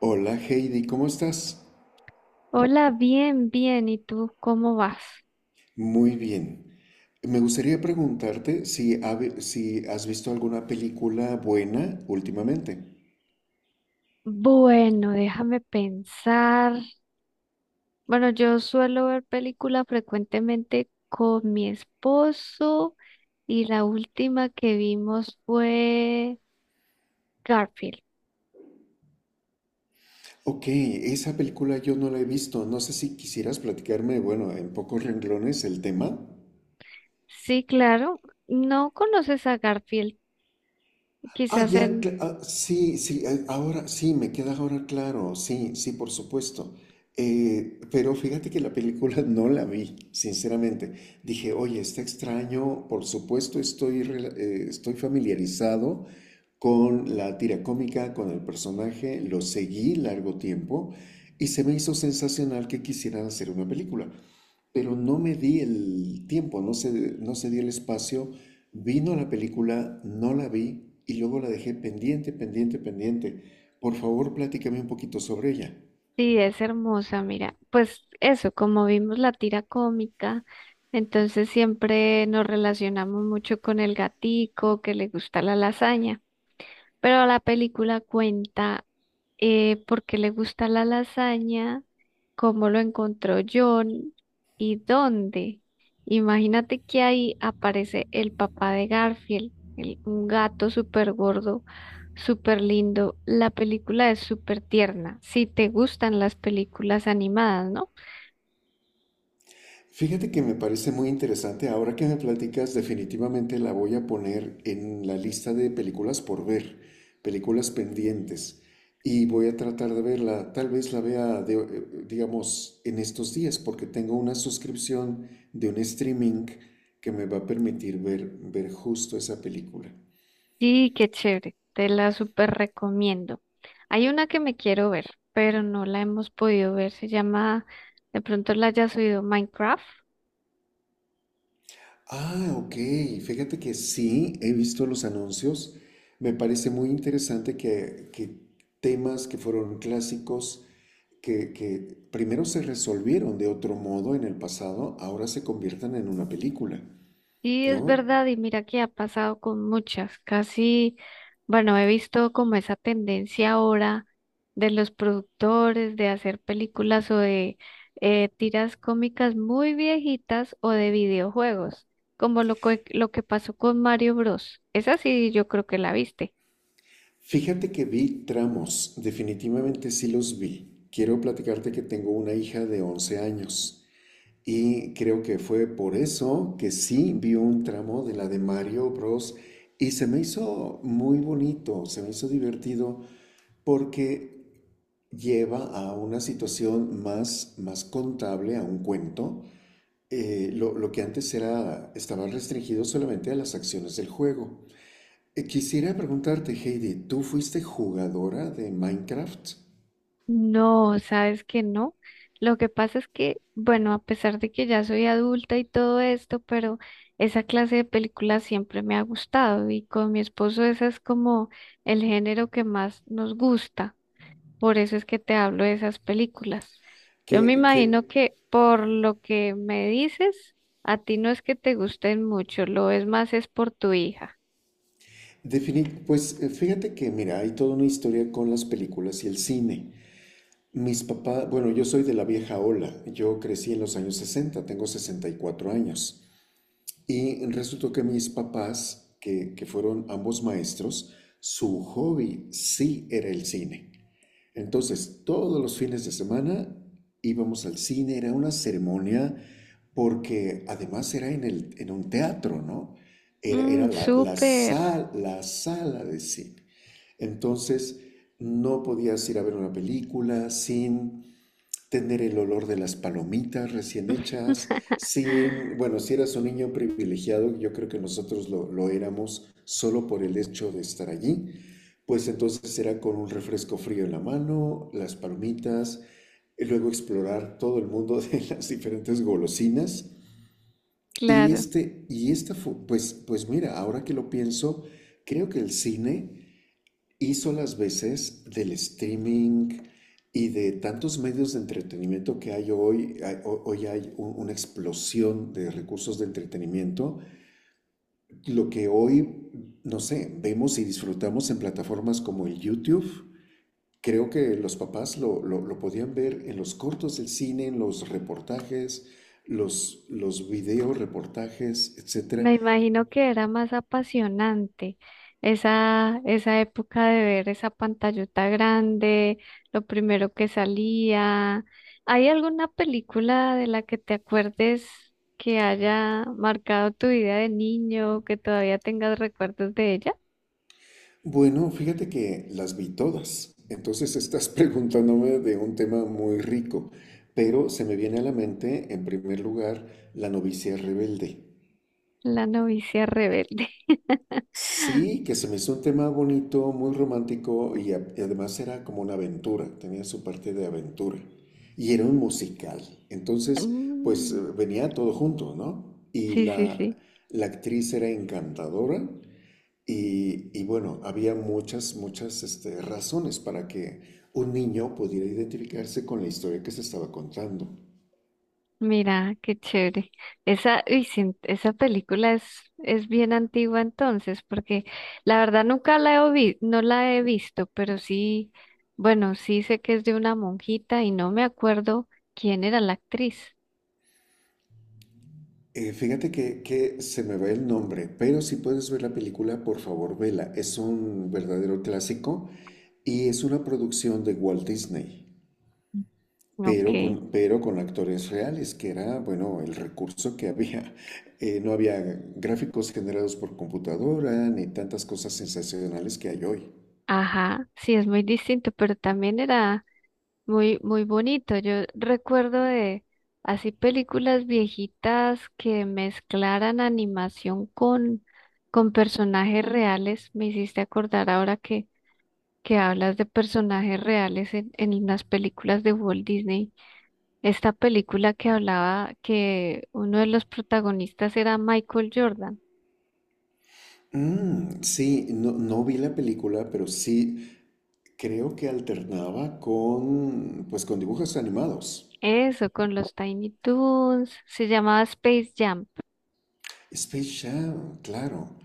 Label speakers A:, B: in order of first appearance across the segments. A: Hola Heidi, ¿cómo estás?
B: Hola, bien, bien. ¿Y tú cómo vas?
A: Muy bien. Me gustaría preguntarte si, si has visto alguna película buena últimamente.
B: Bueno, déjame pensar. Bueno, yo suelo ver películas frecuentemente con mi esposo y la última que vimos fue Garfield.
A: Ok, esa película yo no la he visto. No sé si quisieras platicarme, bueno, en pocos renglones el tema.
B: Sí, claro. No conoces a Garfield.
A: Ah,
B: Quizás en
A: ya, sí, sí, ahora sí, me queda ahora claro, sí, sí, por supuesto. Pero fíjate que la película no la vi, sinceramente. Dije, oye, está extraño, por supuesto estoy, estoy familiarizado con la tira cómica, con el personaje, lo seguí largo tiempo y se me hizo sensacional que quisieran hacer una película, pero no me di el tiempo, no se, no se dio el espacio. Vino la película, no la vi y luego la dejé pendiente, pendiente, pendiente. Por favor, platícame un poquito sobre ella.
B: sí es hermosa, mira. Pues eso, como vimos la tira cómica. Entonces siempre nos relacionamos mucho con el gatico que le gusta la lasaña. Pero la película cuenta por qué le gusta la lasaña, cómo lo encontró John y dónde. Imagínate que ahí aparece el papá de Garfield, un gato súper gordo, súper lindo. La película es súper tierna, si te gustan las películas animadas, ¿no?
A: Fíjate que me parece muy interesante. Ahora que me platicas, definitivamente la voy a poner en la lista de películas por ver, películas pendientes. Y voy a tratar de verla. Tal vez la vea, digamos, en estos días, porque tengo una suscripción de un streaming que me va a permitir ver justo esa película.
B: Sí, qué chévere, te la súper recomiendo. Hay una que me quiero ver, pero no la hemos podido ver, se llama, de pronto la hayas oído, Minecraft.
A: Ah, ok. Fíjate que sí, he visto los anuncios. Me parece muy interesante que temas que fueron clásicos, que primero se resolvieron de otro modo en el pasado, ahora se conviertan en una película,
B: Sí, es
A: ¿no?
B: verdad, y mira que ha pasado con muchas, casi, bueno, he visto como esa tendencia ahora de los productores de hacer películas o de tiras cómicas muy viejitas o de videojuegos, como lo que pasó con Mario Bros. Esa sí, yo creo que la viste.
A: Fíjate que vi tramos, definitivamente sí los vi. Quiero platicarte que tengo una hija de 11 años. Y creo que fue por eso que sí vi un tramo de la de Mario Bros. Y se me hizo muy bonito, se me hizo divertido porque lleva a una situación más, más contable, a un cuento. Lo que antes era, estaba restringido solamente a las acciones del juego. Quisiera preguntarte, Heidi, ¿tú fuiste jugadora de Minecraft?
B: No, sabes que no. Lo que pasa es que, bueno, a pesar de que ya soy adulta y todo esto, pero esa clase de películas siempre me ha gustado y con mi esposo ese es como el género que más nos gusta. Por eso es que te hablo de esas películas. Yo me
A: Que
B: imagino que por lo que me dices, a ti no es que te gusten mucho, lo es más es por tu hija.
A: Fíjate que, mira, hay toda una historia con las películas y el cine. Mis papás, bueno, yo soy de la vieja ola, yo crecí en los años 60, tengo 64 años, y resultó que mis papás, que fueron ambos maestros, su hobby sí era el cine. Entonces, todos los fines de semana íbamos al cine, era una ceremonia, porque además era en un teatro, ¿no? Era
B: Mm, súper.
A: la sala de cine. Entonces, no podías ir a ver una película sin tener el olor de las palomitas recién hechas, sin, bueno, si eras un niño privilegiado, yo creo que nosotros lo éramos solo por el hecho de estar allí, pues entonces era con un refresco frío en la mano, las palomitas, y luego explorar todo el mundo de las diferentes golosinas.
B: Claro.
A: Pues, pues mira, ahora que lo pienso, creo que el cine hizo las veces del streaming y de tantos medios de entretenimiento que hay hoy. Hoy hay una explosión de recursos de entretenimiento. Lo que hoy, no sé, vemos y disfrutamos en plataformas como el YouTube. Creo que los papás lo podían ver en los cortos del cine, en los reportajes, los video reportajes, etcétera.
B: Me imagino que era más apasionante esa época de ver esa pantallota grande, lo primero que salía. ¿Hay alguna película de la que te acuerdes que haya marcado tu vida de niño, que todavía tengas recuerdos de ella?
A: Bueno, fíjate que las vi todas. Entonces estás preguntándome de un tema muy rico, pero se me viene a la mente, en primer lugar, La novicia rebelde.
B: La novicia rebelde.
A: Sí, que se me hizo un tema bonito, muy romántico y además era como una aventura, tenía su parte de aventura. Y era un musical. Entonces,
B: Mm,
A: venía todo junto, ¿no?
B: sí, sí, sí.
A: La actriz era encantadora. Y bueno, había muchas, muchas razones para que un niño pudiera identificarse con la historia que se estaba contando.
B: Mira, qué chévere. Esa película es bien antigua entonces, porque la verdad nunca no la he visto, pero sí, bueno, sí sé que es de una monjita y no me acuerdo quién era la actriz.
A: Fíjate que se me va el nombre, pero si puedes ver la película, por favor, vela. Es un verdadero clásico y es una producción de Walt Disney, pero
B: Ok,
A: pero con actores reales, que era, bueno, el recurso que había. No había gráficos generados por computadora ni tantas cosas sensacionales que hay hoy.
B: ajá, sí es muy distinto, pero también era muy, muy bonito. Yo recuerdo de así películas viejitas que mezclaran animación con personajes reales. Me hiciste acordar ahora que hablas de personajes reales en las películas de Walt Disney. Esta película que hablaba que uno de los protagonistas era Michael Jordan.
A: Mm, sí, no, no vi la película, pero sí creo que alternaba con, pues, con dibujos animados.
B: Eso, con los Tiny Toons. Se llamaba Space Jam.
A: Space Jam, claro,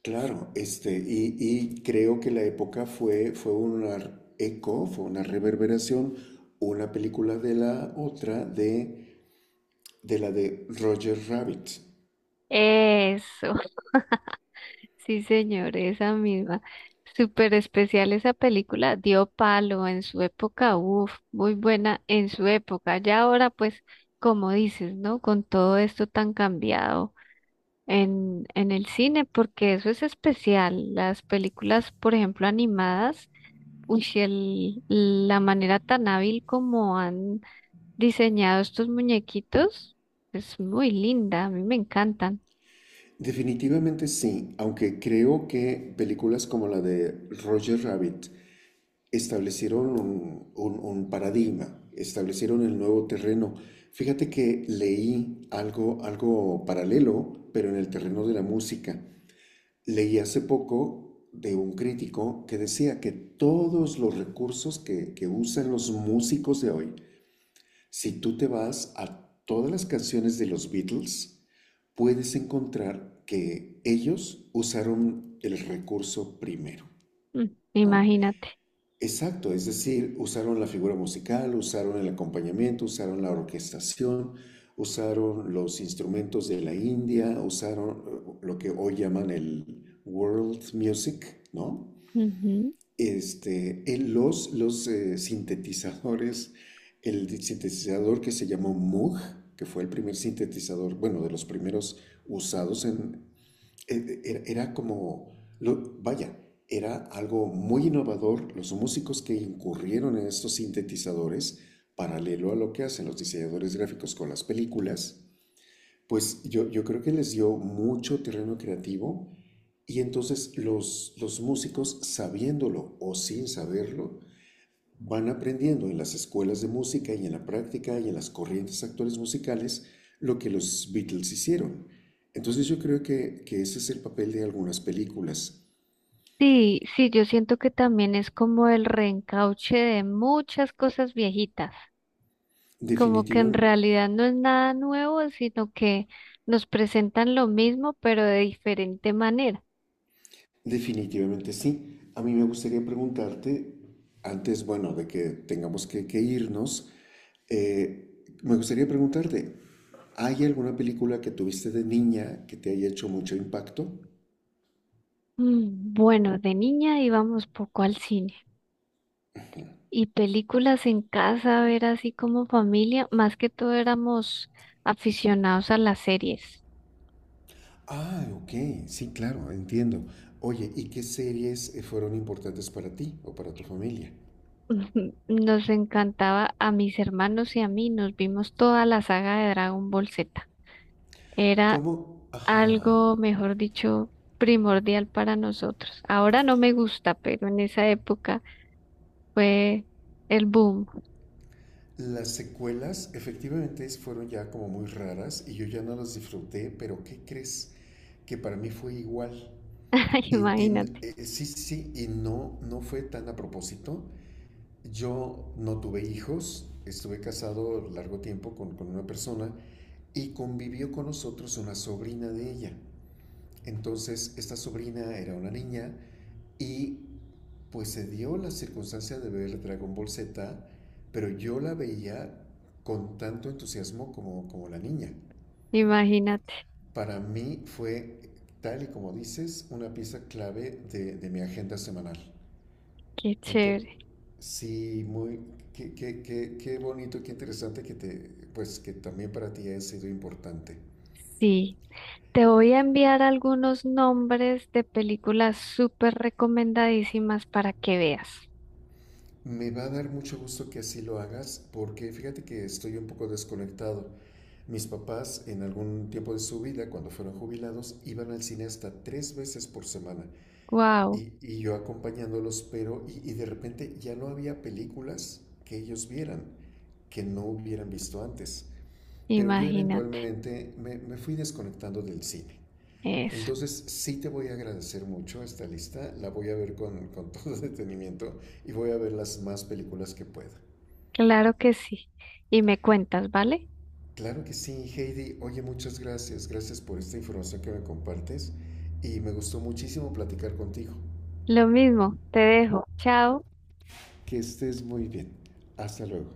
A: claro. Este, y creo que la época fue, fue una eco, fue una reverberación, una película de la otra, de la de Roger Rabbit.
B: Eso, sí, señor, esa misma. Súper especial esa película, dio palo en su época, uff, muy buena en su época. Ya ahora, pues, como dices, ¿no? Con todo esto tan cambiado en el cine, porque eso es especial. Las películas, por ejemplo, animadas, uy, si el, la manera tan hábil como han diseñado estos muñequitos es muy linda, a mí me encantan.
A: Definitivamente sí, aunque creo que películas como la de Roger Rabbit establecieron un paradigma, establecieron el nuevo terreno. Fíjate que leí algo, algo paralelo, pero en el terreno de la música. Leí hace poco de un crítico que decía que todos los recursos que usan los músicos de hoy, si tú te vas a todas las canciones de los Beatles, puedes encontrar que ellos usaron el recurso primero,
B: Mm,
A: ¿no?
B: imagínate.
A: Exacto, es decir, usaron la figura musical, usaron el acompañamiento, usaron la orquestación, usaron los instrumentos de la India, usaron lo que hoy llaman el world music, ¿no? Este, en los sintetizadores, el sintetizador que se llamó Moog, que fue el primer sintetizador, bueno, de los primeros usados en, era, era como, vaya, era algo muy innovador los músicos que incurrieron en estos sintetizadores, paralelo a lo que hacen los diseñadores gráficos con las películas, pues yo creo que les dio mucho terreno creativo y entonces los músicos, sabiéndolo o sin saberlo, van aprendiendo en las escuelas de música y en la práctica y en las corrientes actuales musicales lo que los Beatles hicieron. Entonces yo creo que ese es el papel de algunas películas.
B: Sí, sí, yo siento que también es como el reencauche de muchas cosas viejitas, como que en
A: Definitiva-
B: realidad no es nada nuevo, sino que nos presentan lo mismo, pero de diferente manera.
A: Definitivamente sí. A mí me gustaría preguntarte, antes, bueno, de que tengamos que irnos, me gustaría preguntarte, ¿hay alguna película que tuviste de niña que te haya hecho mucho impacto?
B: Mm, bueno, de niña íbamos poco al cine y películas en casa, a ver así como familia, más que todo éramos aficionados a las series.
A: Ah, ok, sí, claro, entiendo. Oye, ¿y qué series fueron importantes para ti o para tu familia?
B: Ujú, nos encantaba a mis hermanos y a mí, nos vimos toda la saga de Dragon Ball Z. Era
A: ¿Cómo? Ajá.
B: algo, mejor dicho, primordial para nosotros. Ahora no me gusta, pero en esa época fue el boom.
A: Las secuelas efectivamente fueron ya como muy raras y yo ya no las disfruté, pero ¿qué crees? Que para mí fue igual.
B: Imagínate,
A: Sí, sí, sí, y no, no fue tan a propósito. Yo no tuve hijos, estuve casado largo tiempo con una persona y convivió con nosotros una sobrina de ella. Entonces, esta sobrina era una niña y pues se dio la circunstancia de ver Dragon Ball Z, pero yo la veía con tanto entusiasmo como, como la niña.
B: imagínate,
A: Para mí fue, tal y como dices, una pieza clave de mi agenda semanal.
B: qué
A: Entonces,
B: chévere.
A: sí, muy, qué, qué, qué, qué bonito, qué interesante que, te, pues, que también para ti ha sido importante.
B: Sí, te voy a enviar algunos nombres de películas súper recomendadísimas para que veas.
A: Me va a dar mucho gusto que así lo hagas porque fíjate que estoy un poco desconectado. Mis papás en algún tiempo de su vida, cuando fueron jubilados, iban al cine hasta 3 veces por semana
B: Wow,
A: y yo acompañándolos, pero y de repente ya no había películas que ellos vieran, que no hubieran visto antes. Pero yo
B: imagínate
A: eventualmente me fui desconectando del cine.
B: eso.
A: Entonces sí te voy a agradecer mucho esta lista, la voy a ver con todo detenimiento y voy a ver las más películas que pueda.
B: Claro que sí. Y me cuentas, ¿vale?
A: Claro que sí, Heidi. Oye, muchas gracias. Gracias por esta información que me compartes y me gustó muchísimo platicar contigo.
B: Lo mismo, te dejo. Chao.
A: Que estés muy bien. Hasta luego.